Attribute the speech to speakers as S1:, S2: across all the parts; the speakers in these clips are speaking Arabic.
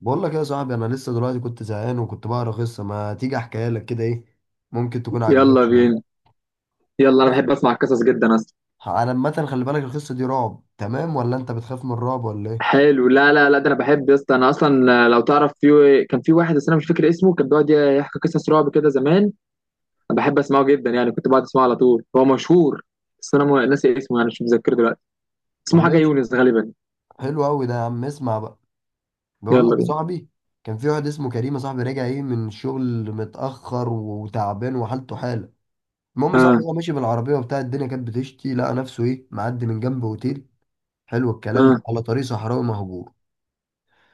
S1: بقول لك إيه يا صاحبي؟ انا لسه دلوقتي كنت زهقان وكنت بقرا قصه. ما تيجي احكيها لك؟ كده ايه، ممكن تكون عاجباك
S2: يلا
S1: شويه.
S2: بينا. يلا انا
S1: بص،
S2: بحب اسمع القصص جدا اصلا.
S1: انا عامه خلي بالك القصه دي رعب. تمام، ولا انت بتخاف من الرعب ولا ايه؟
S2: حلو. لا لا لا، ده انا بحب يا اسطى. انا اصلا لو تعرف، في كان في واحد بس انا مش فاكر اسمه، كان بيقعد يحكي قصص رعب كده زمان. انا بحب اسمعه جدا يعني، كنت بقعد اسمعه على طول. هو مشهور بس انا ناسي اسمه يعني، مش متذكره دلوقتي.
S1: طب
S2: اسمه حاجه
S1: ماشي،
S2: يونس غالبا.
S1: حلو قوي ده يا عم. اسمع بقى، بقول
S2: يلا
S1: لك يا
S2: بينا.
S1: صاحبي. كان في واحد اسمه كريم يا صاحبي، راجع ايه من الشغل متاخر وتعبان وحالته حاله. المهم يا صاحبي،
S2: اه.
S1: هو ماشي بالعربيه وبتاع، الدنيا كانت بتشتي، لقى نفسه ايه معدي من جنب اوتيل. حلو الكلام،
S2: اه.
S1: على طريق صحراوي مهجور.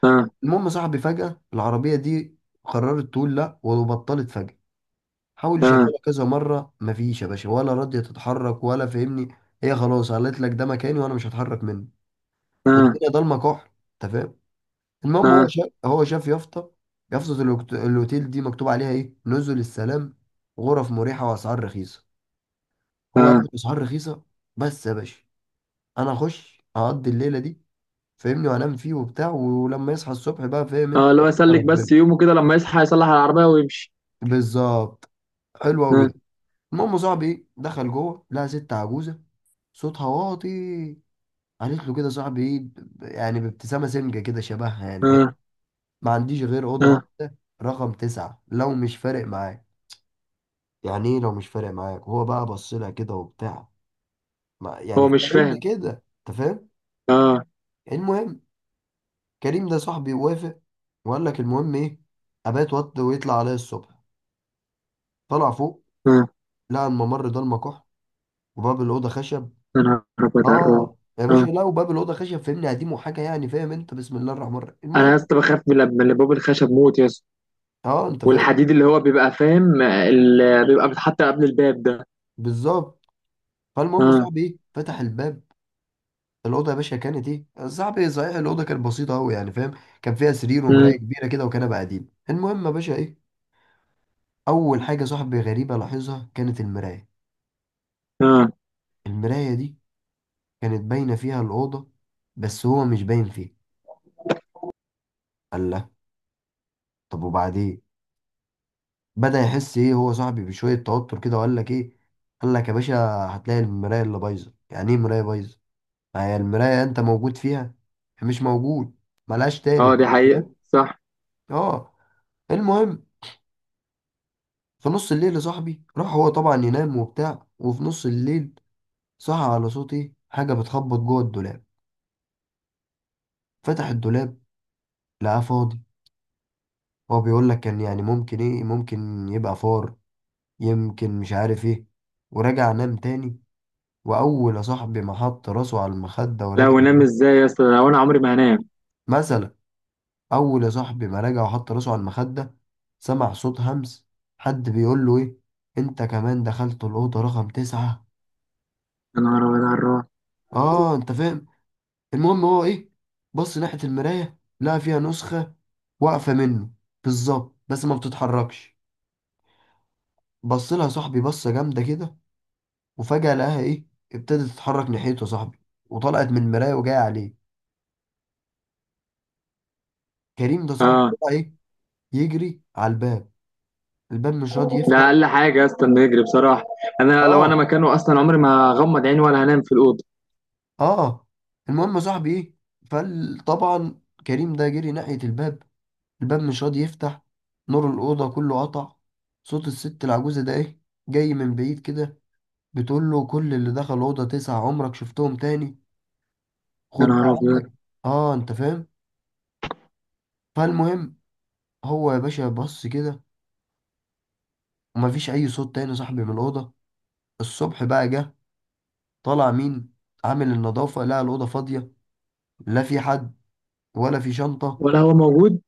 S2: اه.
S1: المهم صاحبي، فجأة العربية دي قررت تقول لا وبطلت فجأة. حاول
S2: اه.
S1: يشغلها كذا مرة، مفيش يا باشا، ولا راضية تتحرك، ولا فاهمني. هي خلاص قالت لك ده مكاني وانا مش هتحرك منه.
S2: اه.
S1: والدنيا ضلمة كحل، انت فاهم. المهم هو
S2: اه.
S1: شاف هو شاف يافطة. يافطة الاوتيل دي مكتوب عليها ايه، نزل السلام، غرف مريحة واسعار رخيصة. هو قال
S2: اه.
S1: لك اسعار رخيصة. بس يا باشا، انا اخش اقضي الليلة دي، فاهمني، وانام فيه وبتاع، ولما يصحى الصبح بقى، فاهم انت.
S2: اه. لو
S1: يا
S2: يسلك بس
S1: ربنا
S2: يومه كده، لما يصحى يصلح العربيه ويمشي.
S1: بالظبط، حلو قوي
S2: اه.
S1: ده. المهم يا صاحبي ايه، دخل جوه، لقى ست عجوزه صوتها واطي، قالت له كده صاحبي ايه، يعني بابتسامه سمجه كده، شبهها يعني فاهم.
S2: اه.
S1: ما عنديش غير اوضه
S2: اه.
S1: واحده رقم 9 لو مش فارق معاك. يعني ايه لو مش فارق معاك؟ هو بقى بص لها كده وبتاع، ما يعني
S2: هو مش
S1: فاهم
S2: فاهم.
S1: كده، انت فاهم.
S2: اه.
S1: المهم، كريم ده صاحبي وافق، وقال لك المهم ايه، ابات وط ويطلع عليا الصبح. طلع فوق،
S2: اه.
S1: لقى الممر ده المكح، وباب الاوضه خشب.
S2: انا هربت على الرعب.
S1: اه يا باشا،
S2: آه.
S1: لا وباب الاوضه خشب فاهمني، قديم وحاجه يعني فاهم انت. بسم الله الرحمن الرحيم.
S2: انا
S1: المهم،
S2: يا اسطى بخاف من لما اللي باب الخشب موت يا اسطى،
S1: اه انت فاهم،
S2: والحديد اللي هو بيبقى فاهم، اللي بيبقى بيتحط قبل الباب ده.
S1: بالظبط. فالمهم
S2: اه.
S1: صاحبي ايه، فتح الباب. الاوضه يا باشا كانت ايه صاحبي؟ صحيح الاوضه كانت بسيطه قوي يعني فاهم. كان فيها سرير
S2: امم.
S1: ومرايه كبيره كده وكنبه قديم. المهم يا باشا ايه، اول حاجه صاحبي غريبه لاحظها كانت المرايه.
S2: اه.
S1: المرايه دي كانت باينه فيها الاوضه، بس هو مش باين فيها. قال لا، طب وبعدين؟ بدأ يحس ايه هو صاحبي بشوية توتر كده، وقال لك ايه، قال لك يا باشا، هتلاقي المراية اللي بايظة. يعني ايه مراية بايظة؟ ما هي المراية انت موجود فيها، مش موجود، ملهاش
S2: اه،
S1: تالت.
S2: دي حقيقة
S1: فاهم،
S2: صح.
S1: اه. المهم، في نص الليل يا صاحبي، راح هو طبعا ينام وبتاع، وفي نص الليل صحى على صوت ايه، حاجة بتخبط جوه الدولاب. فتح الدولاب، لقاه فاضي. هو بيقول لك كان يعني ممكن ايه، ممكن يبقى فار، يمكن، مش عارف ايه. وراجع نام تاني. واول يا صاحبي ما حط راسه على المخده
S2: لا،
S1: ورجع
S2: ونام
S1: لبيته-
S2: ازاي يا اسطى؟ لو انا عمري ما هنام.
S1: مثلا، اول يا صاحبي ما رجع وحط راسه على المخده، سمع صوت همس، حد بيقول له ايه، انت كمان دخلت الاوضه رقم 9.
S2: يا نهار ابيض على الرعب.
S1: اه انت فاهم. المهم هو ايه، بص ناحيه المرايه، لقى فيها نسخه واقفه منه بالظبط، بس ما بتتحركش. بص لها صاحبي بصه جامده كده، وفجاه لقاها ايه، ابتدت تتحرك ناحيته يا صاحبي، وطلعت من المرايه وجايه عليه. كريم ده صاحبي
S2: اه.
S1: طلع ايه، يجري على الباب. الباب مش راضي
S2: ده
S1: يفتح.
S2: اقل حاجة يا اسطى انه يجري بصراحة. انا لو انا
S1: اه
S2: مكانه اصلا، عمري ما هغمض عيني ولا هنام في الأوضة.
S1: اه. المهم يا صاحبي ايه، فطبعا كريم ده جري ناحية الباب، الباب مش راضي يفتح، نور الأوضة كله قطع، صوت الست العجوزة ده ايه، جاي من بعيد كده، بتقول له كل اللي دخل الأوضة 9 عمرك شفتهم تاني.
S2: يا
S1: خد بقى
S2: نهار ابيض.
S1: عندك، اه انت فاهم. فالمهم، هو يا باشا بص كده، ومفيش أي صوت تاني يا صاحبي من الأوضة. الصبح بقى جه، طالع مين، عامل النظافة، لقى الأوضة فاضية. لا في حد، ولا في شنطة،
S2: ولا هو موجود.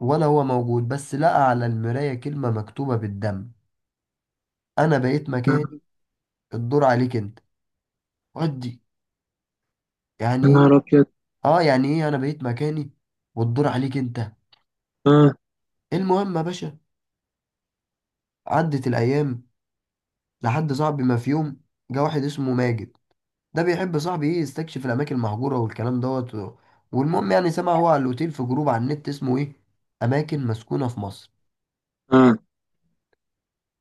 S1: ولا هو موجود. بس لقى على المراية كلمة مكتوبة بالدم: أنا بقيت مكاني، الدور عليك أنت. ودي يعني
S2: يا نهار
S1: إيه؟
S2: ابيض.
S1: آه، يعني إيه أنا بقيت مكاني والدور عليك أنت.
S2: اه.
S1: المهم يا باشا، عدت الأيام، لحد صاحبي ما في يوم جه واحد اسمه ماجد. ده بيحب صاحبي إيه، يستكشف الأماكن المهجورة والكلام دوت والمهم يعني، سمع هو على الأوتيل في جروب على النت اسمه إيه، أماكن مسكونة في مصر.
S2: اه.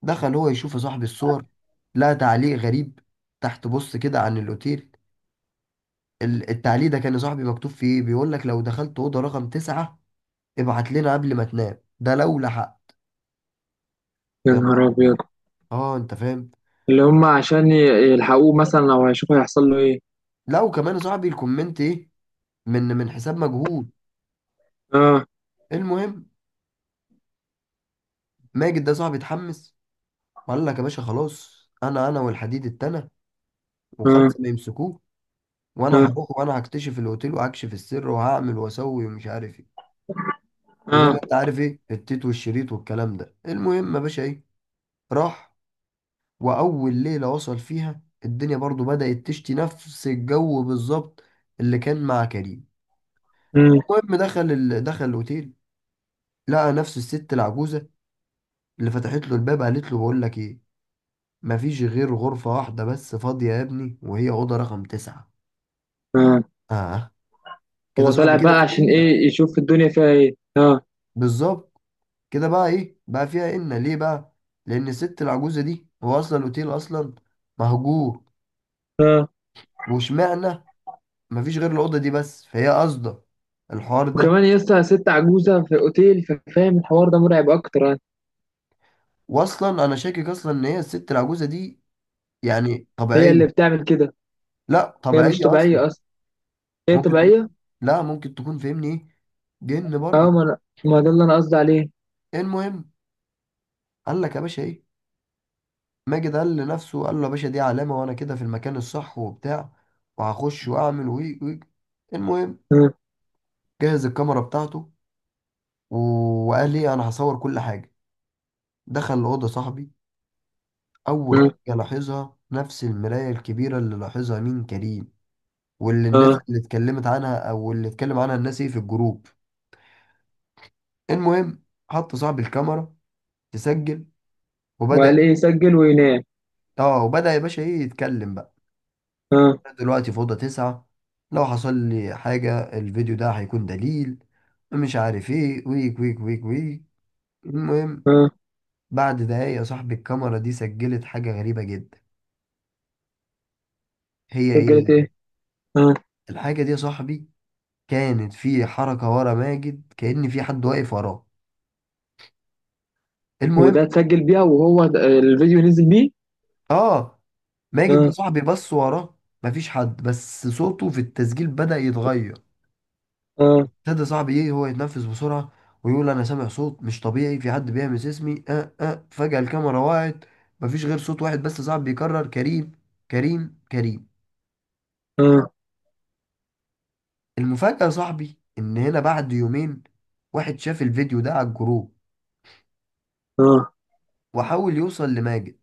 S1: دخل هو يشوف يا صاحبي الصور، لقى تعليق غريب تحت، بص كده، عن الأوتيل. التعليق ده كان لصاحبي مكتوب فيه ايه، بيقول لك لو دخلت اوضه رقم 9 ابعت لنا قبل ما تنام، ده لو لحق.
S2: يا
S1: يا نهار
S2: نهار ابيض.
S1: ابيض، اه انت فاهم.
S2: اللي هم عشان يلحقوه مثلا لو هيشوفوا هيحصل له ايه.
S1: لا وكمان يا صاحبي الكومنت ايه، من حساب مجهول.
S2: اه.
S1: المهم، ماجد ده صاحبي اتحمس، وقال لك يا باشا خلاص، انا والحديد التاني
S2: اه.
S1: وخمسه ما يمسكوه، وانا
S2: اه.
S1: هروح وانا هكتشف الاوتيل وهكشف السر وهعمل واسوي ومش عارف ايه، وزي
S2: اه.
S1: ما انت عارف ايه، التيت والشريط والكلام ده. المهم يا باشا ايه، راح. وأول ليلة وصل فيها، الدنيا برضو بدأت تشتي، نفس الجو بالظبط اللي كان مع كريم.
S2: امم.
S1: المهم، دخل الأوتيل، لقى نفس الست العجوزة اللي فتحت له الباب، قالت له بقول لك إيه، مفيش غير غرفة واحدة بس فاضية يا ابني وهي أوضة رقم 9.
S2: اه.
S1: آه، كده
S2: هو طالع
S1: صاحبي كده
S2: بقى
S1: في
S2: عشان
S1: قلة.
S2: ايه؟ يشوف الدنيا فيها ايه. اه.
S1: بالظبط، كده بقى إيه، بقى فيها قلة ليه بقى؟ لأن الست العجوزة دي، هو أصلا الأوتيل أصلا مهجور،
S2: اه.
S1: واشمعنى مفيش غير الأوضة دي بس، فهي قصده الحوار ده.
S2: وكمان يا اسطى ست عجوزه في اوتيل، فاهم؟ الحوار ده مرعب اكتر يعني.
S1: واصلا انا شاكك اصلا ان هي الست العجوزه دي يعني
S2: هي
S1: طبيعيه،
S2: اللي بتعمل كده.
S1: لا
S2: هي مش
S1: طبيعيه اصلا،
S2: طبيعيه اصلا. هي
S1: ممكن تكون،
S2: طبيعيه.
S1: لا ممكن تكون فاهمني ايه، جن برضه.
S2: اه، ما انا، ما ده اللي انا قصدي عليه.
S1: المهم، قال لك يا باشا ايه، ماجد قال لنفسه، قال له يا باشا دي علامه، وانا كده في المكان الصح وبتاع، وهخش واعمل وي وي. المهم،
S2: اه.
S1: جهز الكاميرا بتاعته و- وقال ايه انا هصور كل حاجه. دخل الاوضه صاحبي، اول
S2: اه.
S1: حاجه لاحظها نفس المرايه الكبيره اللي لاحظها مين، كريم، واللي الناس
S2: اه.
S1: اللي اتكلمت عنها، او اللي اتكلم عنها الناس ايه في الجروب. المهم، حط صاحب الكاميرا تسجل، وبدأ.
S2: وقال ايه يسجل وينام.
S1: اه، وبدأ يا باشا ايه يتكلم بقى،
S2: اه.
S1: أنا دلوقتي في أوضة 9، لو حصل لي حاجة الفيديو ده هيكون دليل، مش عارف ايه، ويك ويك ويك ويك. المهم،
S2: اه.
S1: بعد دقايق يا صاحبي الكاميرا دي سجلت حاجة غريبة جدا. هي
S2: سجلت
S1: ايه
S2: ايه؟ اه.
S1: الحاجة دي يا صاحبي؟ كانت في حركة ورا ماجد، كأن في حد واقف وراه. المهم،
S2: وده اتسجل بيها، وهو الفيديو نزل بيه.
S1: اه، ماجد ده
S2: اه.
S1: صاحبي بص وراه، مفيش حد، بس صوته في التسجيل بدأ يتغير.
S2: اه.
S1: ابتدى صاحبي ايه، هو يتنفس بسرعة، ويقول انا سامع صوت مش طبيعي، في حد بيهمس اسمي. اه اه، فجأة الكاميرا وقعت، مفيش غير صوت واحد بس صاحبي بيكرر، كريم كريم كريم.
S2: اه.
S1: المفاجأة صاحبي ان هنا بعد يومين، واحد شاف الفيديو ده على الجروب،
S2: اه.
S1: وحاول يوصل لماجد،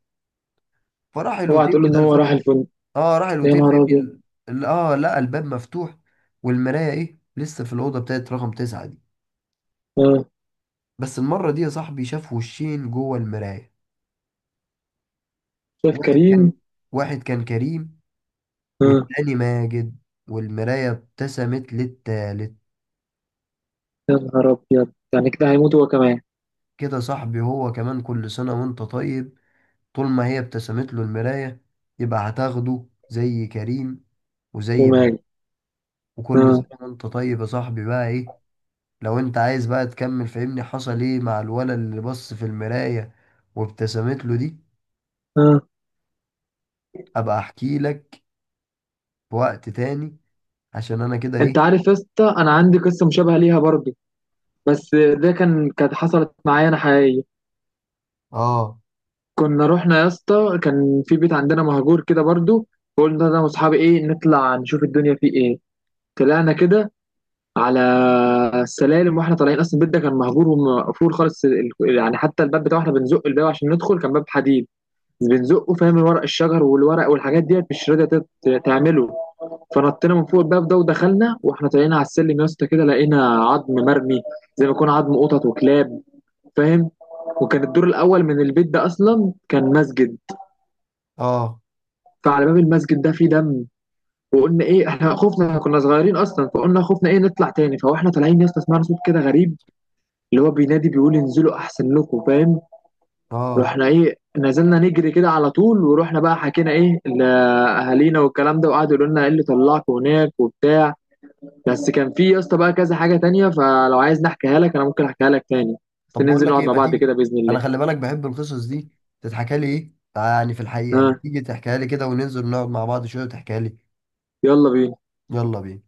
S1: فراح
S2: اوعى
S1: الأوتيل
S2: تقول ان
S1: كده اللي
S2: هو راح
S1: فتح.
S2: الفندق.
S1: اه راح
S2: يا
S1: الأوتيل
S2: نهار
S1: فاهمني،
S2: ابيض.
S1: لقى الباب مفتوح، والمراية ايه لسه في الأوضة بتاعت رقم 9 دي.
S2: اه.
S1: بس المرة دي يا صاحبي شاف وشين جوه المراية.
S2: شاف
S1: واحد
S2: كريم.
S1: كان واحد كان كريم،
S2: اه.
S1: والتاني ماجد، والمراية ابتسمت للتالت.
S2: يا نهار ابيض. يعني كده هيموت هو كمان؟
S1: كده صاحبي، هو كمان كل سنة وانت طيب. طول ما هي ابتسمت له المراية، يبقى هتاخده زي كريم وزي ماجد.
S2: وماله؟
S1: وكل
S2: اه.
S1: سنة وانت طيب يا صاحبي بقى ايه. لو انت عايز بقى تكمل فهمني حصل ايه مع الولد اللي بص في المراية وابتسمت له دي،
S2: اه.
S1: ابقى احكي لك في وقت تاني، عشان انا كده
S2: انت
S1: ايه.
S2: عارف يا اسطى انا عندي قصه مشابهه ليها برضه، بس ده كانت حصلت معايا انا حقيقيه.
S1: اه
S2: كنا رحنا يا اسطى، كان في بيت عندنا مهجور كده برضه، فقلنا انا واصحابي ايه، نطلع نشوف الدنيا فيه ايه. طلعنا كده على السلالم، واحنا طالعين اصلا البيت ده كان مهجور ومقفول خالص. يعني حتى الباب بتاعه احنا بنزق الباب عشان ندخل، كان باب حديد. بنزقه فاهم، ورق الشجر والورق والحاجات ديت مش راضيه تعمله. فنطينا من فوق الباب ده ودخلنا، واحنا طالعين على السلم يا اسطى كده لقينا عظم مرمي، زي ما يكون عظم قطط وكلاب، فاهم؟ وكان الدور الاول من البيت ده اصلا كان مسجد.
S1: اه
S2: فعلى باب المسجد ده فيه دم. وقلنا ايه، احنا خفنا، احنا كنا صغيرين اصلا، فقلنا خفنا ايه نطلع تاني. فاحنا طالعين يا اسطى سمعنا صوت كده غريب، اللي هو بينادي بيقول انزلوا احسن لكم، فاهم؟
S1: اه،
S2: رحنا ايه، نزلنا نجري كده على طول، ورحنا بقى حكينا ايه لاهالينا والكلام ده، وقعدوا يقولوا لنا ايه اللي طلعكم هناك وبتاع. بس كان في يا اسطى بقى كذا حاجة تانية، فلو عايز نحكيها لك انا ممكن احكيها لك تاني، بس
S1: طب بقول
S2: ننزل
S1: لك
S2: نقعد
S1: ايه،
S2: مع
S1: ما
S2: بعض
S1: تيجي،
S2: كده بإذن
S1: انا
S2: الله.
S1: خلي بالك بحب القصص دي تتحكى لي ايه، يعني في الحقيقه، ما
S2: ها.
S1: تيجي تحكيها لي كده، وننزل نقعد مع بعض شويه وتحكيها لي.
S2: يلا بينا.
S1: يلا بينا.